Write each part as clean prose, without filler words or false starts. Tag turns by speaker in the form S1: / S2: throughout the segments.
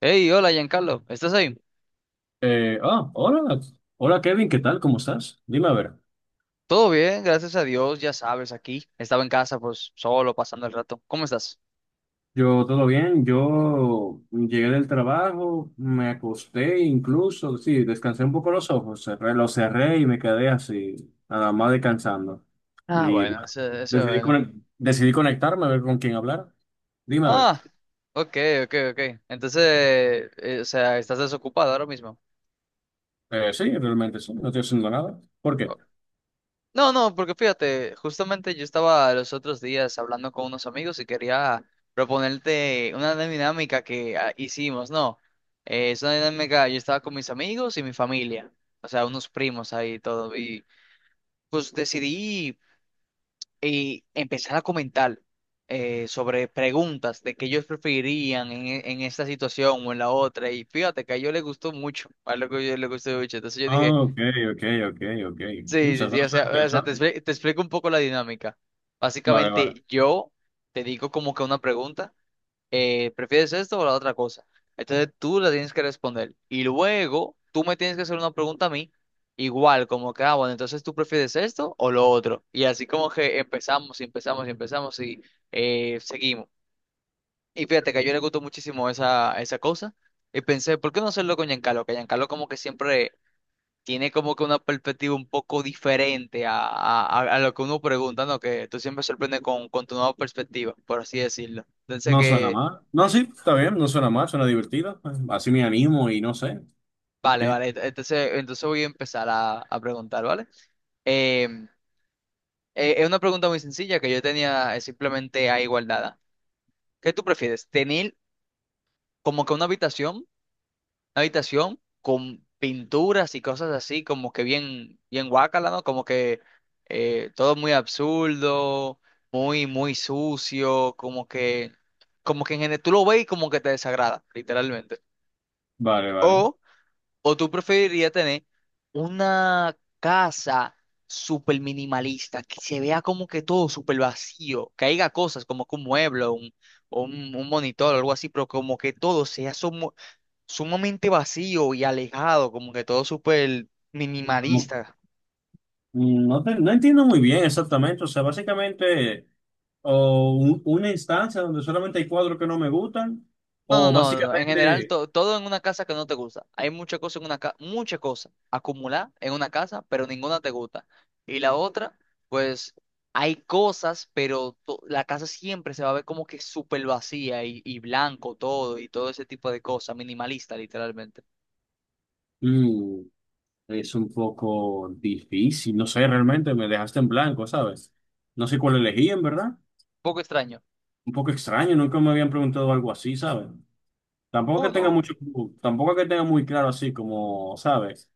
S1: Hey, hola Giancarlo, ¿estás ahí?
S2: Hola, Kevin, ¿qué tal? ¿Cómo estás? Dime a ver.
S1: Todo bien, gracias a Dios, ya sabes, aquí. Estaba en casa, pues solo, pasando el rato. ¿Cómo estás?
S2: Yo todo bien, yo llegué del trabajo, me acosté incluso, sí, descansé un poco los ojos, los cerré y me quedé así, nada más descansando.
S1: Ah,
S2: Y
S1: bueno,
S2: bueno,
S1: eso es bueno.
S2: decidí conectarme a ver con quién hablar. Dime a ver.
S1: Ah, ok, ok, ok. Entonces, o sea, ¿estás desocupado ahora mismo?
S2: Sí, realmente sí, no estoy haciendo nada. ¿Por
S1: Oh,
S2: qué?
S1: no, no, porque fíjate, justamente yo estaba los otros días hablando con unos amigos y quería proponerte una dinámica que hicimos, ¿no? Es una dinámica, yo estaba con mis amigos y mi familia, o sea, unos primos ahí y todo, y pues decidí y empezar a comentar, sobre preguntas de qué ellos preferirían en esta situación o en la otra. Y fíjate que a ellos les gustó mucho, a lo que yo les gustó mucho. Entonces yo dije,
S2: Ah, ok, ok, ok, ok.
S1: sí, sí,
S2: Muchas
S1: sí, o
S2: gracias,
S1: sea, o sea,
S2: interesante.
S1: te explico un poco la dinámica.
S2: Vale, vale.
S1: Básicamente yo te digo como que una pregunta, ¿prefieres esto o la otra cosa? Entonces tú la tienes que responder. Y luego tú me tienes que hacer una pregunta a mí, igual, como que, bueno, entonces tú prefieres esto o lo otro. Y así como que empezamos y empezamos y empezamos y, seguimos. Y fíjate que a yo le gustó muchísimo esa cosa. Y pensé, ¿por qué no hacerlo con Giancarlo? Que Giancarlo como que siempre tiene como que una perspectiva un poco diferente a lo que uno pregunta, ¿no? Que tú siempre sorprendes con tu nueva perspectiva, por así decirlo. Entonces
S2: No suena
S1: que
S2: mal. No, sí, está bien, no suena mal, suena divertido. Así me animo y no sé. Ok,
S1: Vale, vale. Entonces voy a empezar a preguntar, ¿vale? Em, es una pregunta muy sencilla que yo tenía, simplemente a igualdad. ¿Qué tú prefieres? ¿Tener como que una habitación con pinturas y cosas así, como que bien, bien guácala, ¿no? Como que, todo muy absurdo, muy, muy sucio, como que en general tú lo ves y como que te desagrada, literalmente.
S2: vale, vale.
S1: ¿O tú preferirías tener una casa súper minimalista, que se vea como que todo súper vacío, que haya cosas como que un mueble o un, un monitor o algo así, pero como que todo sea sumamente vacío y alejado, como que todo súper
S2: Como-
S1: minimalista?
S2: No, no entiendo muy bien exactamente. O sea, básicamente, o una instancia donde solamente hay cuadros que no me gustan,
S1: No, no,
S2: o
S1: no, no, no. En general,
S2: básicamente,
S1: todo en una casa que no te gusta. Hay muchas cosas en una casa, muchas cosas acumuladas en una casa, pero ninguna te gusta. Y la otra, pues hay cosas, pero la casa siempre se va a ver como que súper vacía y blanco todo y todo ese tipo de cosas, minimalista literalmente. Un
S2: mm, es un poco difícil. No sé, realmente me dejaste en blanco, ¿sabes? No sé cuál elegí, en verdad.
S1: poco extraño.
S2: Un poco extraño, nunca me habían preguntado algo así, ¿sabes? Tampoco
S1: Oh,
S2: que tenga
S1: no.
S2: mucho, tampoco que tenga muy claro así como, ¿sabes?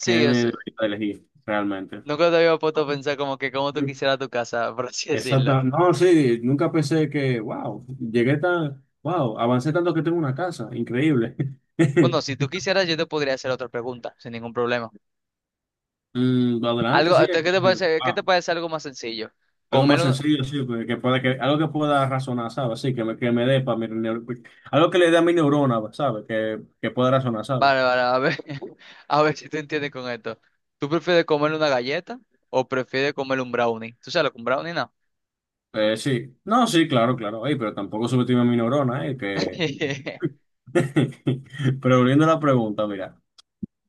S2: ¿Qué debería elegir realmente?
S1: nunca te había puesto a pensar como que como tú quisieras tu casa, por así decirlo.
S2: Exacta. No, sí, nunca pensé que, wow, llegué tan, wow, avancé tanto que tengo una casa, increíble.
S1: Bueno, si tú quisieras, yo te podría hacer otra pregunta, sin ningún problema.
S2: Mm, adelante,
S1: Algo,
S2: sí, es que,
S1: ¿qué te
S2: wow,
S1: parece algo más sencillo?
S2: algo
S1: Comer
S2: más
S1: un.
S2: sencillo, sí, pues, que pueda, que, algo que pueda razonar, ¿sabes? Sí, que me dé para mi, algo que le dé a mi neurona, ¿sabes? Que pueda razonar, ¿sabes?
S1: Vale, vale, a ver, a ver si te entiendes con esto. ¿Tú prefieres comer una galleta o prefieres comer un brownie? ¿Tú sabes lo que un brownie, no?
S2: Sí, no, sí, claro, claro, ey, pero tampoco subestime a mi neurona, que... Pero volviendo a la pregunta, mira.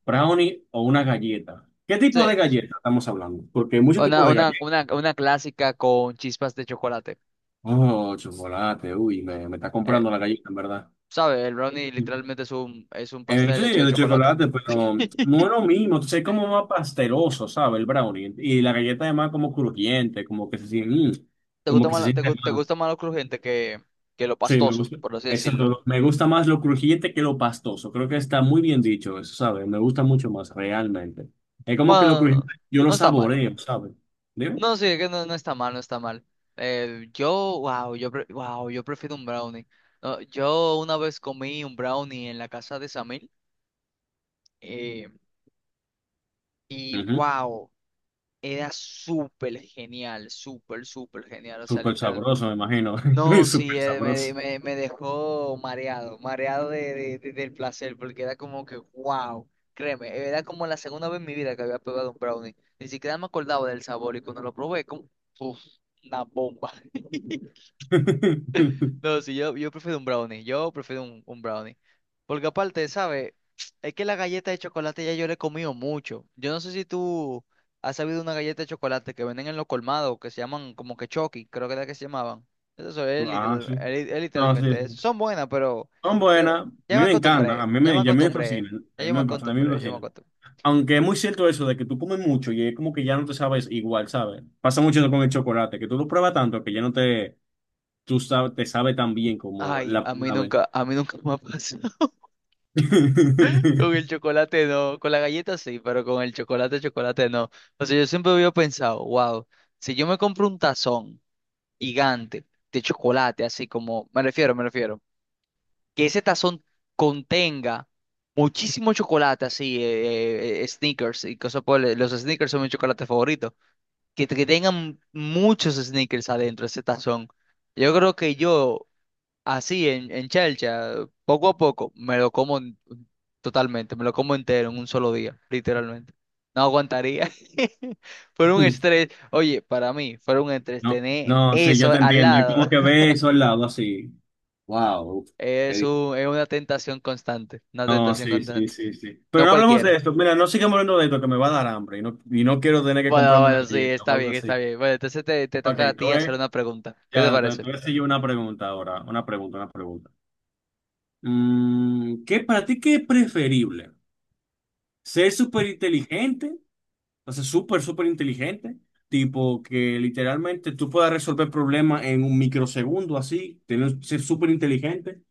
S2: Brownie o una galleta. ¿Qué
S1: Sí,
S2: tipo de galleta estamos hablando? Porque hay muchos tipos de
S1: una,
S2: galletas.
S1: una clásica con chispas de chocolate.
S2: Oh, chocolate, uy, me está
S1: Eh,
S2: comprando la galleta, en verdad.
S1: ¿Sabes? El brownie literalmente es un
S2: Sí,
S1: pastel hecho de
S2: de
S1: chocolate.
S2: chocolate, pero no es lo mismo, entonces es como más pasteroso, ¿sabes? El brownie. Y la galleta además como crujiente, como que se siente,
S1: ¿Te
S2: como
S1: gusta
S2: que
S1: más,
S2: se siente
S1: te
S2: más.
S1: gusta más lo crujiente que lo
S2: Sí, me
S1: pastoso,
S2: gusta.
S1: por así
S2: Eso,
S1: decirlo?
S2: todo. Me gusta más lo crujiente que lo pastoso. Creo que está muy bien dicho eso, ¿sabes? Me gusta mucho más, realmente. Es como que lo
S1: Bueno,
S2: crujiente yo lo
S1: no está mal.
S2: saboreo, ¿sabes? ¿Dime?
S1: No, sí, es que no, no está mal, no está mal. Yo, wow, yo, pre- wow, yo prefiero un brownie. No, yo una vez comí un brownie en la casa de Samir, eh, y
S2: Ujú.
S1: wow, era súper genial, súper, súper genial. O sea,
S2: Súper
S1: literal.
S2: sabroso, me imagino.
S1: No, sí,
S2: Súper sabroso.
S1: me dejó mareado, mareado del placer, porque era como que, wow, créeme, era como la segunda vez en mi vida que había probado un brownie. Ni siquiera me acordaba del sabor y cuando lo probé, como, uf, una bomba. No, sí, yo prefiero un brownie. Yo prefiero un brownie. Porque aparte, ¿sabes? Es que la galleta de chocolate ya yo le he comido mucho. Yo no sé si tú has sabido una galleta de chocolate que venden en los colmados, que se llaman como que Chucky, creo que era que se llamaban. Eso es,
S2: Ah, sí. No, sí,
S1: literalmente
S2: sí.
S1: eso. Son buenas, pero
S2: Son
S1: creo-
S2: buenas. A mí
S1: ya me
S2: me encantan.
S1: acostumbré,
S2: A mí
S1: ya me
S2: me, y a mí me
S1: acostumbré,
S2: fascinan.
S1: ya yo me
S2: A mí me
S1: acostumbré, yo me
S2: fascinan.
S1: acostumbré.
S2: Aunque es muy cierto eso de que tú comes mucho y es como que ya no te sabes igual, ¿sabes? Pasa mucho con el chocolate, que tú lo pruebas tanto que ya no te, tú sabes, te sabe tan bien como
S1: Ay,
S2: la primera vez.
S1: a mí nunca me ha pasado. Con el chocolate no, con la galleta sí, pero con el chocolate, chocolate no. O sea, yo siempre había pensado, wow, si yo me compro un tazón gigante de chocolate, así como, me refiero, que ese tazón contenga muchísimo chocolate, así, Snickers y cosas los Snickers son mi chocolate favorito, que tengan muchos Snickers adentro ese tazón. Yo creo que yo, así, en chelcha, poco a poco, me lo como en- totalmente, me lo como entero en un solo día, literalmente. No aguantaría. Fue un estrés. Oye, para mí, fue un estrés
S2: No,
S1: tener
S2: no, sí, yo
S1: eso
S2: te
S1: al
S2: entiendo. Es
S1: lado.
S2: como que ves eso al lado así. Wow,
S1: Es
S2: es...
S1: un, es una tentación constante, una
S2: No,
S1: tentación
S2: sí, sí,
S1: constante.
S2: sí, sí. Pero
S1: No
S2: no hablemos de
S1: cualquiera.
S2: esto. Mira, no sigamos hablando de esto, que me va a dar hambre y no quiero tener que
S1: Bueno,
S2: comprarme una
S1: bueno, sí,
S2: galleta o
S1: está
S2: algo
S1: bien, está
S2: así.
S1: bien. Bueno, entonces te
S2: Ok,
S1: toca a ti hacer una pregunta. ¿Qué te
S2: ya,
S1: parece?
S2: te voy a hacer yo una pregunta ahora. Una pregunta, una pregunta. Mm, ¿qué para ti qué es preferible? ¿Ser súper inteligente? O sea, súper, súper inteligente. Tipo que literalmente tú puedas resolver problemas en un microsegundo así, tener, ser súper inteligente.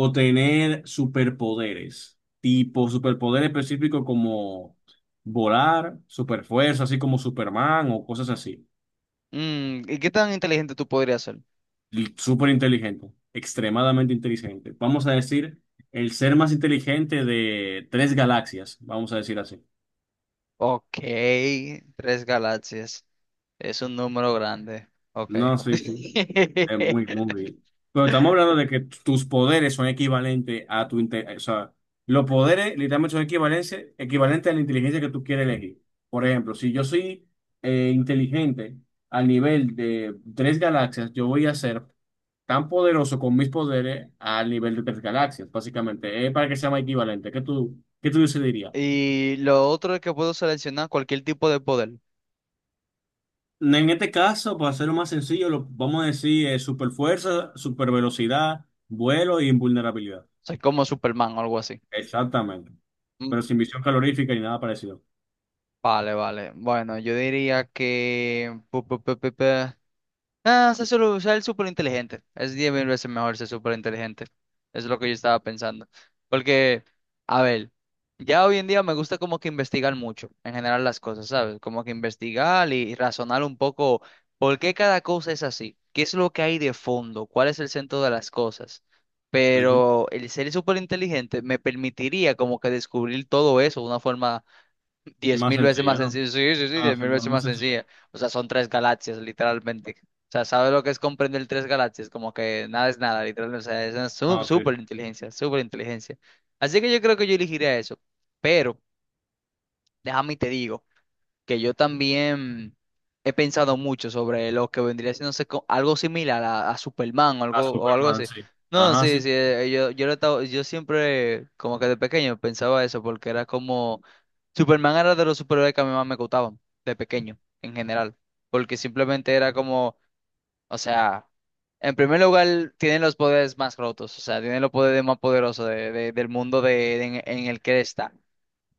S2: O tener superpoderes, tipo superpoder específico como volar, superfuerza, así como Superman o cosas así.
S1: ¿Y qué tan inteligente tú podrías ser?
S2: Y súper inteligente, extremadamente inteligente. Vamos a decir, el ser más inteligente de tres galaxias, vamos a decir así.
S1: Ok, tres galaxias. Es un número grande. Ok.
S2: No, sí, sí. Es muy, muy bien. Pero estamos hablando de que tus poderes son equivalentes a tu o sea, los poderes literalmente son equivalentes, equivalentes a la inteligencia que tú quieres elegir. Por ejemplo, si yo soy inteligente al nivel de tres galaxias, yo voy a ser tan poderoso con mis poderes al nivel de tres galaxias, básicamente. Es para que sea más equivalente. Qué tú dirías?
S1: Y lo otro es que puedo seleccionar cualquier tipo de poder. O
S2: En este caso, para hacerlo más sencillo, lo, vamos a decir super fuerza, super velocidad, vuelo e invulnerabilidad.
S1: sea, como Superman o algo así.
S2: Exactamente.
S1: Mm,
S2: Pero sin visión calorífica ni nada parecido.
S1: Vale, vale. Bueno, yo diría que. Ah, se suele usar el súper inteligente. Es 10.000 veces mejor ser súper inteligente. Es lo que yo estaba pensando. Porque, a ver, ya hoy en día me gusta como que investigar mucho, en general las cosas, ¿sabes? Como que investigar y razonar un poco por qué cada cosa es así. ¿Qué es lo que hay de fondo? ¿Cuál es el centro de las cosas?
S2: Ujú.
S1: Pero el ser súper inteligente me permitiría como que descubrir todo eso de una forma. Diez
S2: Más
S1: mil veces más
S2: sencilla, ¿no?
S1: sencillo. Sí, sí, sí,
S2: Ah,
S1: diez
S2: sí,
S1: mil
S2: bueno,
S1: veces
S2: más
S1: más
S2: sencilla.
S1: sencilla. O sea, son tres galaxias, literalmente. O sea, ¿sabes lo que es comprender tres galaxias? Como que nada es nada, literalmente. O sea, es una
S2: Ah, sí.
S1: súper inteligencia, súper inteligencia. Así que yo creo que yo elegiría eso. Pero, déjame y te digo que yo también he pensado mucho sobre lo que vendría siendo algo similar a Superman
S2: A
S1: o algo
S2: Superman,
S1: así.
S2: sí.
S1: No,
S2: Ajá,
S1: sí,
S2: sí.
S1: sí, yo, yo, lo he estado- yo siempre, como que de pequeño, pensaba eso, porque era como, Superman era de los superhéroes que a mí más me gustaban, de pequeño, en general, porque simplemente era como, o sea, en primer lugar, tiene los poderes más rotos, o sea, tiene los poderes más poderosos del mundo en el que él está.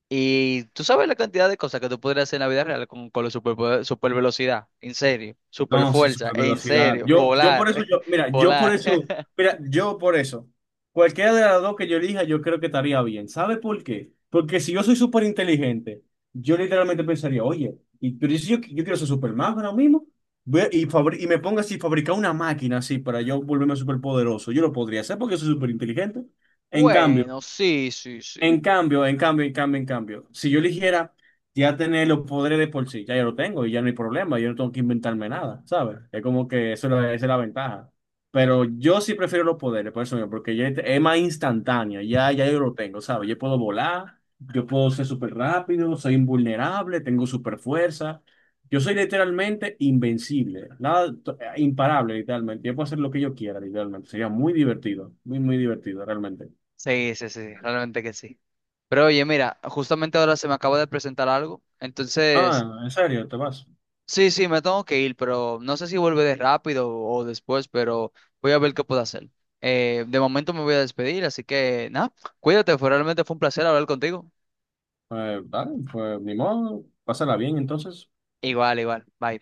S1: Y tú sabes la cantidad de cosas que tú podrías hacer en la vida real con la super, super velocidad, en serio, super
S2: No, sí,
S1: fuerza,
S2: super
S1: en
S2: velocidad.
S1: serio,
S2: Yo por
S1: volar,
S2: eso, yo, mira, yo por
S1: volar.
S2: eso, mira, yo por eso. Cualquiera de las dos que yo elija, yo creo que estaría bien. ¿Sabe por qué? Porque si yo soy súper inteligente, yo literalmente pensaría, oye, y, pero si yo, yo quiero ser Superman ahora mismo, y, y me ponga así, fabricar una máquina así para yo volverme súper poderoso, yo lo podría hacer porque soy súper inteligente. En cambio,
S1: Bueno, sí, sí, sí.
S2: en cambio, en cambio, en cambio, en cambio, si yo eligiera ya tener los poderes de por sí, ya yo lo tengo y ya no hay problema, yo no tengo que inventarme nada, ¿sabes? Es como que eso es esa es la ventaja. Pero yo sí prefiero los poderes, por eso mismo, porque ya es más instantáneo, ya, ya yo lo tengo, ¿sabes? Yo puedo volar, yo puedo ser súper rápido, soy invulnerable, tengo súper fuerza. Yo soy literalmente invencible, nada, imparable, literalmente. Yo puedo hacer lo que yo quiera, literalmente. Sería muy divertido, muy, muy divertido, realmente.
S1: Sí, sí, sí, realmente que sí. Pero oye, mira, justamente ahora se me acaba de presentar algo, entonces,
S2: Ah, ¿en serio? ¿Te vas?
S1: sí, sí, me tengo que ir, pero no sé si vuelve de rápido o después, pero voy a ver qué puedo hacer. De momento me voy a despedir, así que nada, cuídate, realmente fue un placer hablar contigo.
S2: Dale, pues ni modo, pásala bien entonces.
S1: Igual, igual, bye.